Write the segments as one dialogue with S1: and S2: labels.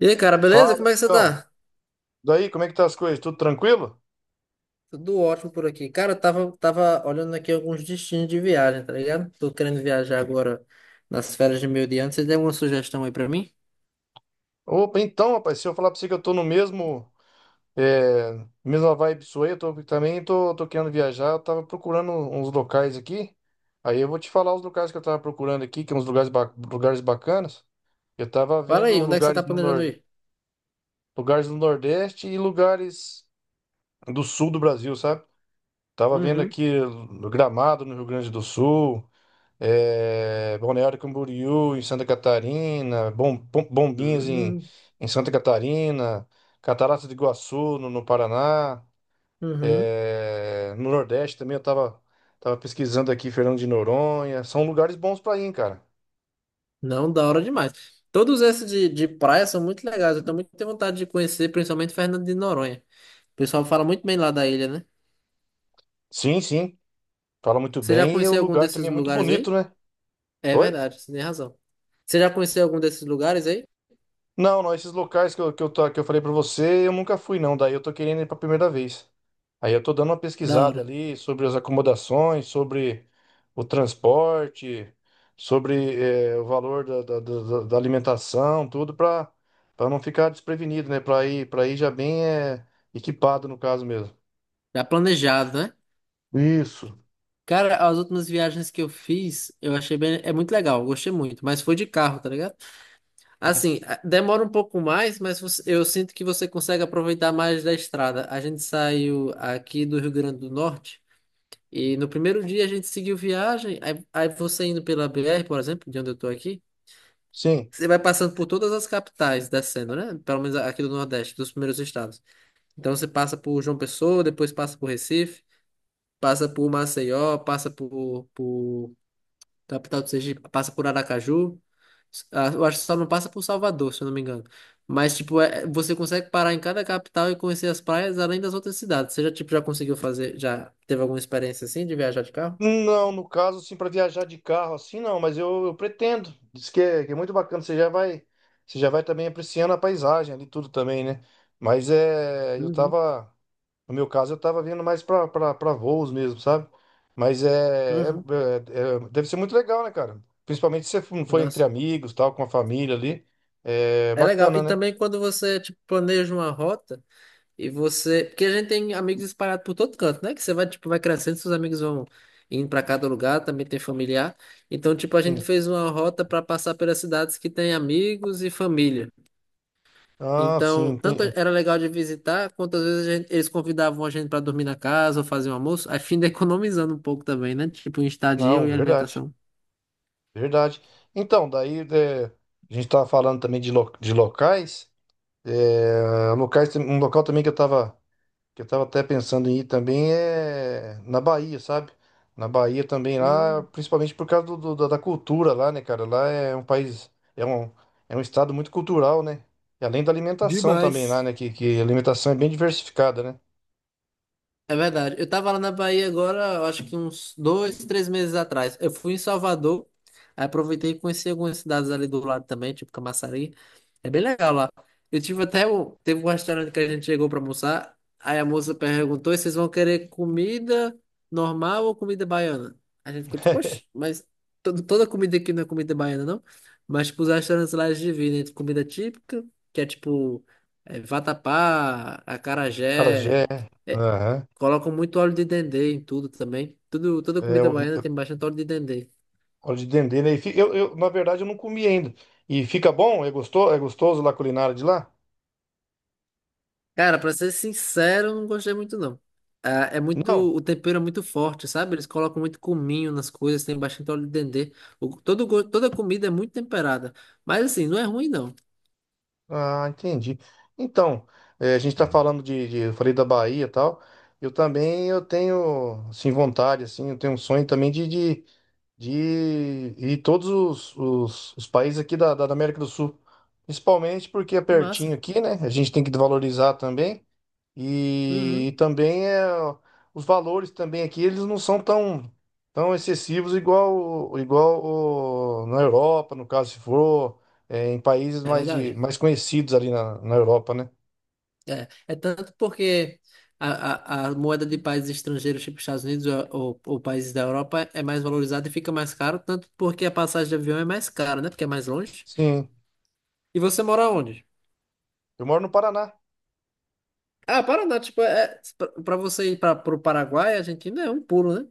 S1: E aí, cara, beleza?
S2: Fala,
S1: Como é que você
S2: amigão.
S1: tá?
S2: Daí, como é que tá as coisas? Tudo tranquilo?
S1: Tudo ótimo por aqui. Cara, eu tava, olhando aqui alguns destinos de viagem, tá ligado? Tô querendo viajar agora nas férias de meio de ano. Você tem alguma sugestão aí pra mim?
S2: Opa, então, rapaz, se eu falar pra você que eu tô no mesmo, mesma vibe sua aí, eu tô, também tô, tô querendo viajar, eu tava procurando uns locais aqui, aí eu vou te falar os locais que eu tava procurando aqui, que é uns lugares, lugares bacanas. Eu tava
S1: Fala
S2: vendo
S1: aí, onde é que você tá planejando ir?
S2: lugares no Nordeste e lugares do Sul do Brasil, sabe? Tava vendo
S1: Uhum.
S2: aqui no Gramado, no Rio Grande do Sul, Balneário Camboriú em Santa Catarina, Bombinhas em,
S1: Hum.
S2: em Santa Catarina, Cataratas do Iguaçu no Paraná,
S1: Uhum.
S2: é, no Nordeste também eu tava pesquisando aqui Fernando de Noronha, são lugares bons pra ir, cara.
S1: Não, da hora demais. Todos esses de praia são muito legais. Eu também tenho vontade de conhecer, principalmente Fernando de Noronha. O pessoal fala muito bem lá da ilha, né?
S2: Sim, sim, fala muito
S1: Você já
S2: bem e o
S1: conheceu algum
S2: lugar também
S1: desses
S2: é muito
S1: lugares
S2: bonito,
S1: aí?
S2: né?
S1: É
S2: Oi?
S1: verdade, você tem razão. Você já conheceu algum desses lugares aí?
S2: Não, não, esses locais que eu falei pra você, eu nunca fui, não. Daí eu tô querendo ir pra primeira vez. Aí eu tô dando uma
S1: Da
S2: pesquisada
S1: hora.
S2: ali sobre as acomodações, sobre o transporte, sobre o valor da alimentação, tudo pra para não ficar desprevenido, né? Para ir já bem equipado no caso mesmo.
S1: Já planejado, né?
S2: Isso.
S1: Cara, as últimas viagens que eu fiz, eu achei bem, é muito legal, eu gostei muito, mas foi de carro, tá ligado? Assim, demora um pouco mais, mas eu sinto que você consegue aproveitar mais da estrada. A gente saiu aqui do Rio Grande do Norte e no primeiro dia a gente seguiu viagem, aí você indo pela BR, por exemplo, de onde eu tô aqui,
S2: Sim.
S1: você vai passando por todas as capitais descendo, né? Pelo menos aqui do Nordeste, dos primeiros estados. Então você passa por João Pessoa, depois passa por Recife, passa por Maceió, passa por Capital do Sergipe, passa por Aracaju. Ah, eu acho que só não passa por Salvador, se eu não me engano. Mas, tipo, você consegue parar em cada capital e conhecer as praias além das outras cidades. Você já, tipo, já conseguiu fazer, já teve alguma experiência assim de viajar de carro?
S2: Não, no caso, assim, para viajar de carro, assim, não, mas eu pretendo. Diz que é muito bacana, você já vai também apreciando a paisagem ali, tudo também, né? Mas é, eu
S1: Uhum.
S2: tava, no meu caso, eu tava vindo mais pra voos mesmo, sabe? Mas
S1: Uhum.
S2: deve ser muito legal, né, cara? Principalmente se você for entre
S1: Nossa,
S2: amigos, tal, com a família ali, é
S1: é legal.
S2: bacana,
S1: E
S2: né?
S1: também quando você, tipo, planeja uma rota. E você, porque a gente tem amigos espalhados por todo canto, né? Que você vai, tipo, vai crescendo, seus amigos vão indo para cada lugar, também tem familiar. Então, tipo, a gente
S2: Sim.
S1: fez uma rota para passar pelas cidades que tem amigos e família.
S2: Ah, sim,
S1: Então, tanto era legal de visitar, quanto às vezes eles convidavam a gente para dormir na casa ou fazer um almoço, a fim de economizando um pouco também, né? Tipo, em estadia
S2: não,
S1: e
S2: verdade,
S1: alimentação.
S2: verdade. Então, daí, é, a gente tava falando também de, de locais. É, um local também que eu tava até pensando em ir também é na Bahia, sabe? Na Bahia também lá,
S1: Hum,
S2: principalmente por causa da cultura lá, né, cara? Lá é um país, é um estado muito cultural, né? E além da alimentação também lá,
S1: demais.
S2: né? Que a alimentação é bem diversificada, né?
S1: É verdade. Eu tava lá na Bahia agora, eu acho que uns dois, três meses atrás. Eu fui em Salvador, aí aproveitei e conheci algumas cidades ali do lado também, tipo Camaçari. É bem legal lá. Eu tive até teve um restaurante que a gente chegou pra almoçar, aí a moça perguntou se vocês vão querer comida normal ou comida baiana. A gente ficou tipo, poxa, mas toda comida aqui não é comida baiana, não? Mas tipo, os restaurantes lá eles dividem entre comida típica, que é tipo é, vatapá, acarajé.
S2: Carajé,
S1: É,
S2: aham.
S1: colocam muito óleo de dendê em tudo também. Tudo, toda comida baiana
S2: É,
S1: tem bastante óleo de dendê.
S2: óleo de dendê, né? E na verdade, eu não comi ainda. E fica bom? É gostoso? É gostoso lá a culinária de lá?
S1: Cara, pra ser sincero, eu não gostei muito não. Ah, é
S2: Não?
S1: muito, o tempero é muito forte, sabe? Eles colocam muito cominho nas coisas, tem bastante óleo de dendê. Toda comida é muito temperada. Mas assim, não é ruim não.
S2: Ah, entendi. Então, a gente tá falando eu falei da Bahia e tal. Eu também eu tenho assim vontade assim, eu tenho um sonho também de ir em todos os países aqui da América do Sul, principalmente porque é
S1: Que
S2: pertinho
S1: massa.
S2: aqui, né? A gente tem que valorizar também. E
S1: Uhum,
S2: também é, os valores também aqui, eles não são tão, tão excessivos igual na Europa, no caso, se for é, em países
S1: é
S2: mais, de,
S1: verdade.
S2: mais conhecidos ali na Europa, né?
S1: É, é tanto porque a moeda de países estrangeiros, tipo Estados Unidos ou países da Europa, é mais valorizada e fica mais caro, tanto porque a passagem de avião é mais cara, né? Porque é mais longe.
S2: Sim,
S1: E você mora onde?
S2: eu moro no Paraná.
S1: Ah, Paraná, tipo, é, pra você ir para pro Paraguai, a Argentina é um pulo, né?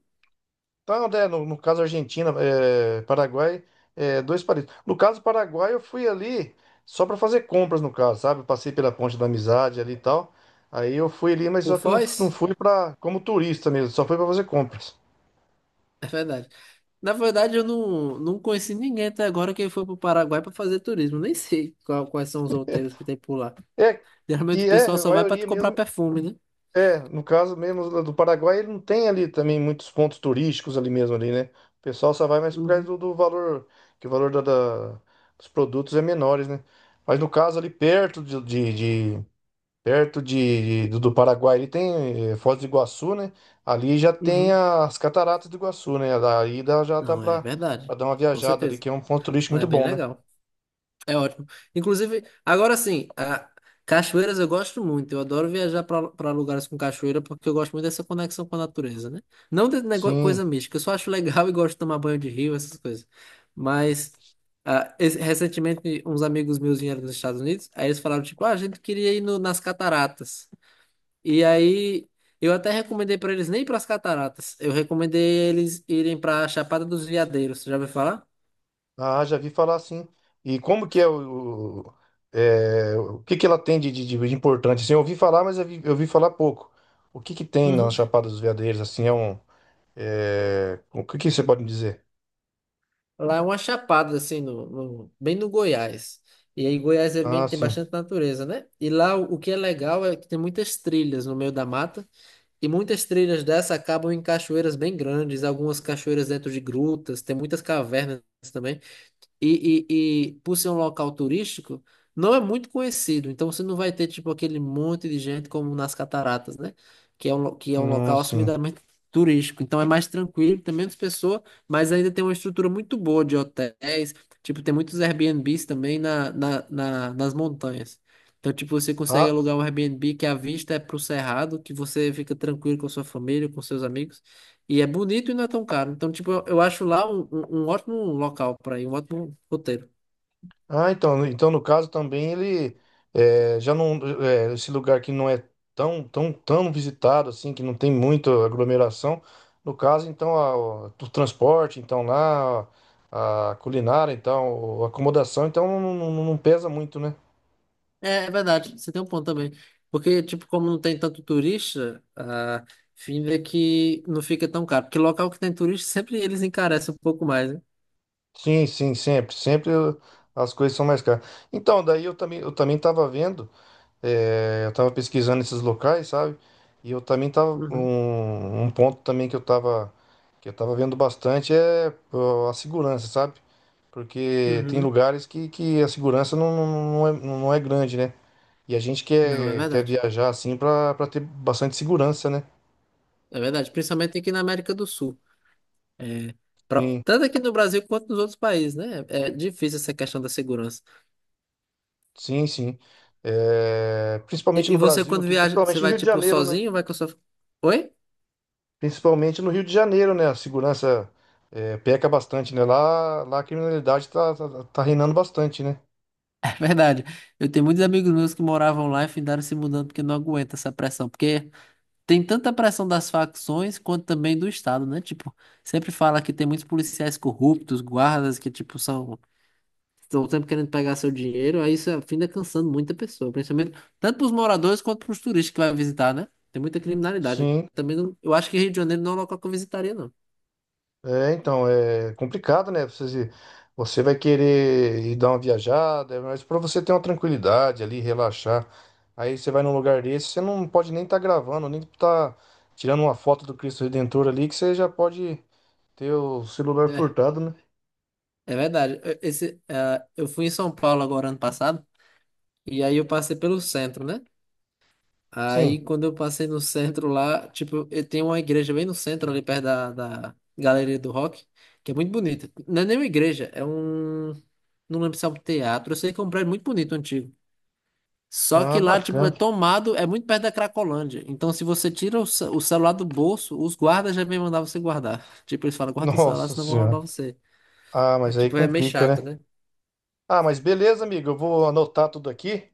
S2: Então, né, no caso Argentina, é, Paraguai, é, dois países. No caso Paraguai, eu fui ali só para fazer compras, no caso, sabe? Eu passei pela Ponte da Amizade ali e tal. Aí eu fui ali, mas só
S1: Por
S2: que eu não
S1: Foz?
S2: fui para como turista mesmo, só fui para fazer compras.
S1: É verdade. Na verdade, eu não, não conheci ninguém até agora que foi pro Paraguai para fazer turismo. Nem sei quais são os roteiros que tem por lá.
S2: É,
S1: Geralmente o
S2: que é,
S1: pessoal
S2: a
S1: só vai para
S2: maioria
S1: comprar
S2: mesmo,
S1: perfume, né?
S2: é, no caso mesmo lá do Paraguai, ele não tem ali também muitos pontos turísticos ali mesmo ali, né? O pessoal só vai mais por causa
S1: Uhum,
S2: do valor, que o valor dos produtos é menores, né? Mas no caso ali perto perto do Paraguai, ele tem Foz do Iguaçu, né? Ali já tem
S1: uhum.
S2: as cataratas do Iguaçu, né? Daí já dá
S1: Não, é
S2: pra, pra
S1: verdade.
S2: dar uma
S1: Com
S2: viajada ali,
S1: certeza.
S2: que é um ponto turístico
S1: Lá é
S2: muito
S1: bem
S2: bom, né?
S1: legal. É ótimo. Inclusive, agora sim, cachoeiras eu gosto muito. Eu adoro viajar para lugares com cachoeira porque eu gosto muito dessa conexão com a natureza, né? Não de nego- Coisa
S2: Sim.
S1: mística, eu só acho legal e gosto de tomar banho de rio, essas coisas. Mas recentemente uns amigos meus vieram dos Estados Unidos, aí eles falaram tipo, ah, a gente queria ir nas cataratas. E aí eu até recomendei para eles nem para as cataratas. Eu recomendei eles irem para a Chapada dos Veadeiros. Você já ouviu falar?
S2: Ah, já vi falar assim. E como que é é, o que que ela tem de importante? Assim, eu ouvi falar, mas eu ouvi falar pouco. O que que tem na
S1: Uhum.
S2: Chapada dos Veadeiros? Assim, é um, é, o que que você pode me dizer?
S1: Lá é uma chapada, assim, bem no Goiás. E aí Goiás é
S2: Ah,
S1: bem, tem
S2: sim.
S1: bastante natureza, né? E lá o que é legal é que tem muitas trilhas no meio da mata. E muitas trilhas dessa acabam em cachoeiras bem grandes, algumas cachoeiras dentro de grutas, tem muitas cavernas também. E por ser um local turístico, não é muito conhecido. Então você não vai ter tipo aquele monte de gente como nas Cataratas, né? Que é um, que é um
S2: Não,
S1: local
S2: sim.
S1: assumidamente turístico. Então é mais tranquilo, tem menos pessoa, mas ainda tem uma estrutura muito boa de hotéis. Tipo, tem muitos Airbnbs também nas montanhas. Então, tipo, você consegue
S2: Ah,
S1: alugar um Airbnb que a vista é pro cerrado, que você fica tranquilo com a sua família, com seus amigos. E é bonito e não é tão caro. Então, tipo, eu acho lá um ótimo local para ir, um ótimo roteiro.
S2: Ah, então, então no caso também ele eh, já não eh, esse lugar que não é tão tão tão visitado assim que não tem muita aglomeração. No caso então o transporte então lá a culinária então a acomodação então não pesa muito, né?
S1: É, é verdade, você tem um ponto também. Porque, tipo, como não tem tanto turista, a fim é que não fica tão caro. Porque local que tem turista, sempre eles encarecem um pouco mais, né?
S2: Sim, sim, sempre, sempre as coisas são mais caras. Então daí eu também estava vendo. É, eu tava pesquisando esses locais, sabe? E eu também tava
S1: Uhum,
S2: um, um ponto também que eu tava vendo bastante é ó, a segurança, sabe? Porque tem
S1: uhum.
S2: lugares que a segurança não é, não é grande, né? E a gente
S1: Não, é
S2: quer
S1: verdade.
S2: viajar assim pra para ter bastante segurança, né?
S1: É verdade, principalmente aqui na América do Sul. É, pra-
S2: Sim,
S1: tanto aqui no Brasil quanto nos outros países, né? É difícil essa questão da segurança.
S2: sim, sim. É, principalmente
S1: E
S2: no
S1: você,
S2: Brasil
S1: quando
S2: aqui,
S1: viaja, você
S2: principalmente no
S1: vai,
S2: Rio de
S1: tipo,
S2: Janeiro, né?
S1: sozinho? Ou vai com a sua... Oi?
S2: Principalmente no Rio de Janeiro, né? A segurança peca bastante, né? Lá, lá a criminalidade tá reinando bastante, né?
S1: É verdade. Eu tenho muitos amigos meus que moravam lá e findaram se mudando porque não aguenta essa pressão. Porque tem tanta pressão das facções quanto também do Estado, né? Tipo, sempre fala que tem muitos policiais corruptos, guardas que, tipo, são. Estão sempre querendo pegar seu dinheiro. Aí isso finda cansando muita pessoa, principalmente tanto para os moradores quanto para os turistas que vai visitar, né? Tem muita criminalidade.
S2: Sim.
S1: Também não, eu acho que Rio de Janeiro não é um local que eu visitaria, não.
S2: É, então, é complicado, né? Você, você vai querer ir dar uma viajada, mas para você ter uma tranquilidade ali, relaxar. Aí você vai num lugar desse, você não pode nem estar gravando, nem estar tirando uma foto do Cristo Redentor ali, que você já pode ter o celular
S1: É,
S2: furtado, né?
S1: é verdade. Eu fui em São Paulo agora ano passado, e aí eu passei pelo centro, né?
S2: Sim.
S1: Aí quando eu passei no centro lá, tipo, eu tenho uma igreja bem no centro, ali perto da Galeria do Rock, que é muito bonita. Não é nem uma igreja, é um. Não lembro se é um teatro, eu sei que é um prédio muito bonito, antigo. Só
S2: Ah,
S1: que lá, tipo, é
S2: bacana.
S1: tomado, é muito perto da Cracolândia. Então, se você tira o celular do bolso, os guardas já vêm mandar você guardar. Tipo, eles falam, guarda o celular,
S2: Nossa
S1: senão vão roubar
S2: Senhora.
S1: você.
S2: Ah,
S1: É
S2: mas aí
S1: tipo, é meio
S2: complica,
S1: chato,
S2: né?
S1: né?
S2: Ah, mas beleza, amigo. Eu vou anotar tudo aqui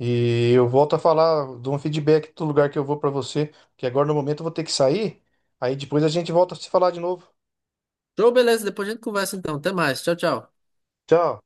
S2: e eu volto a falar de um feedback do lugar que eu vou para você, porque agora no momento eu vou ter que sair. Aí depois a gente volta a se falar de novo.
S1: Então, beleza, depois a gente conversa então. Até mais. Tchau, tchau.
S2: Tchau.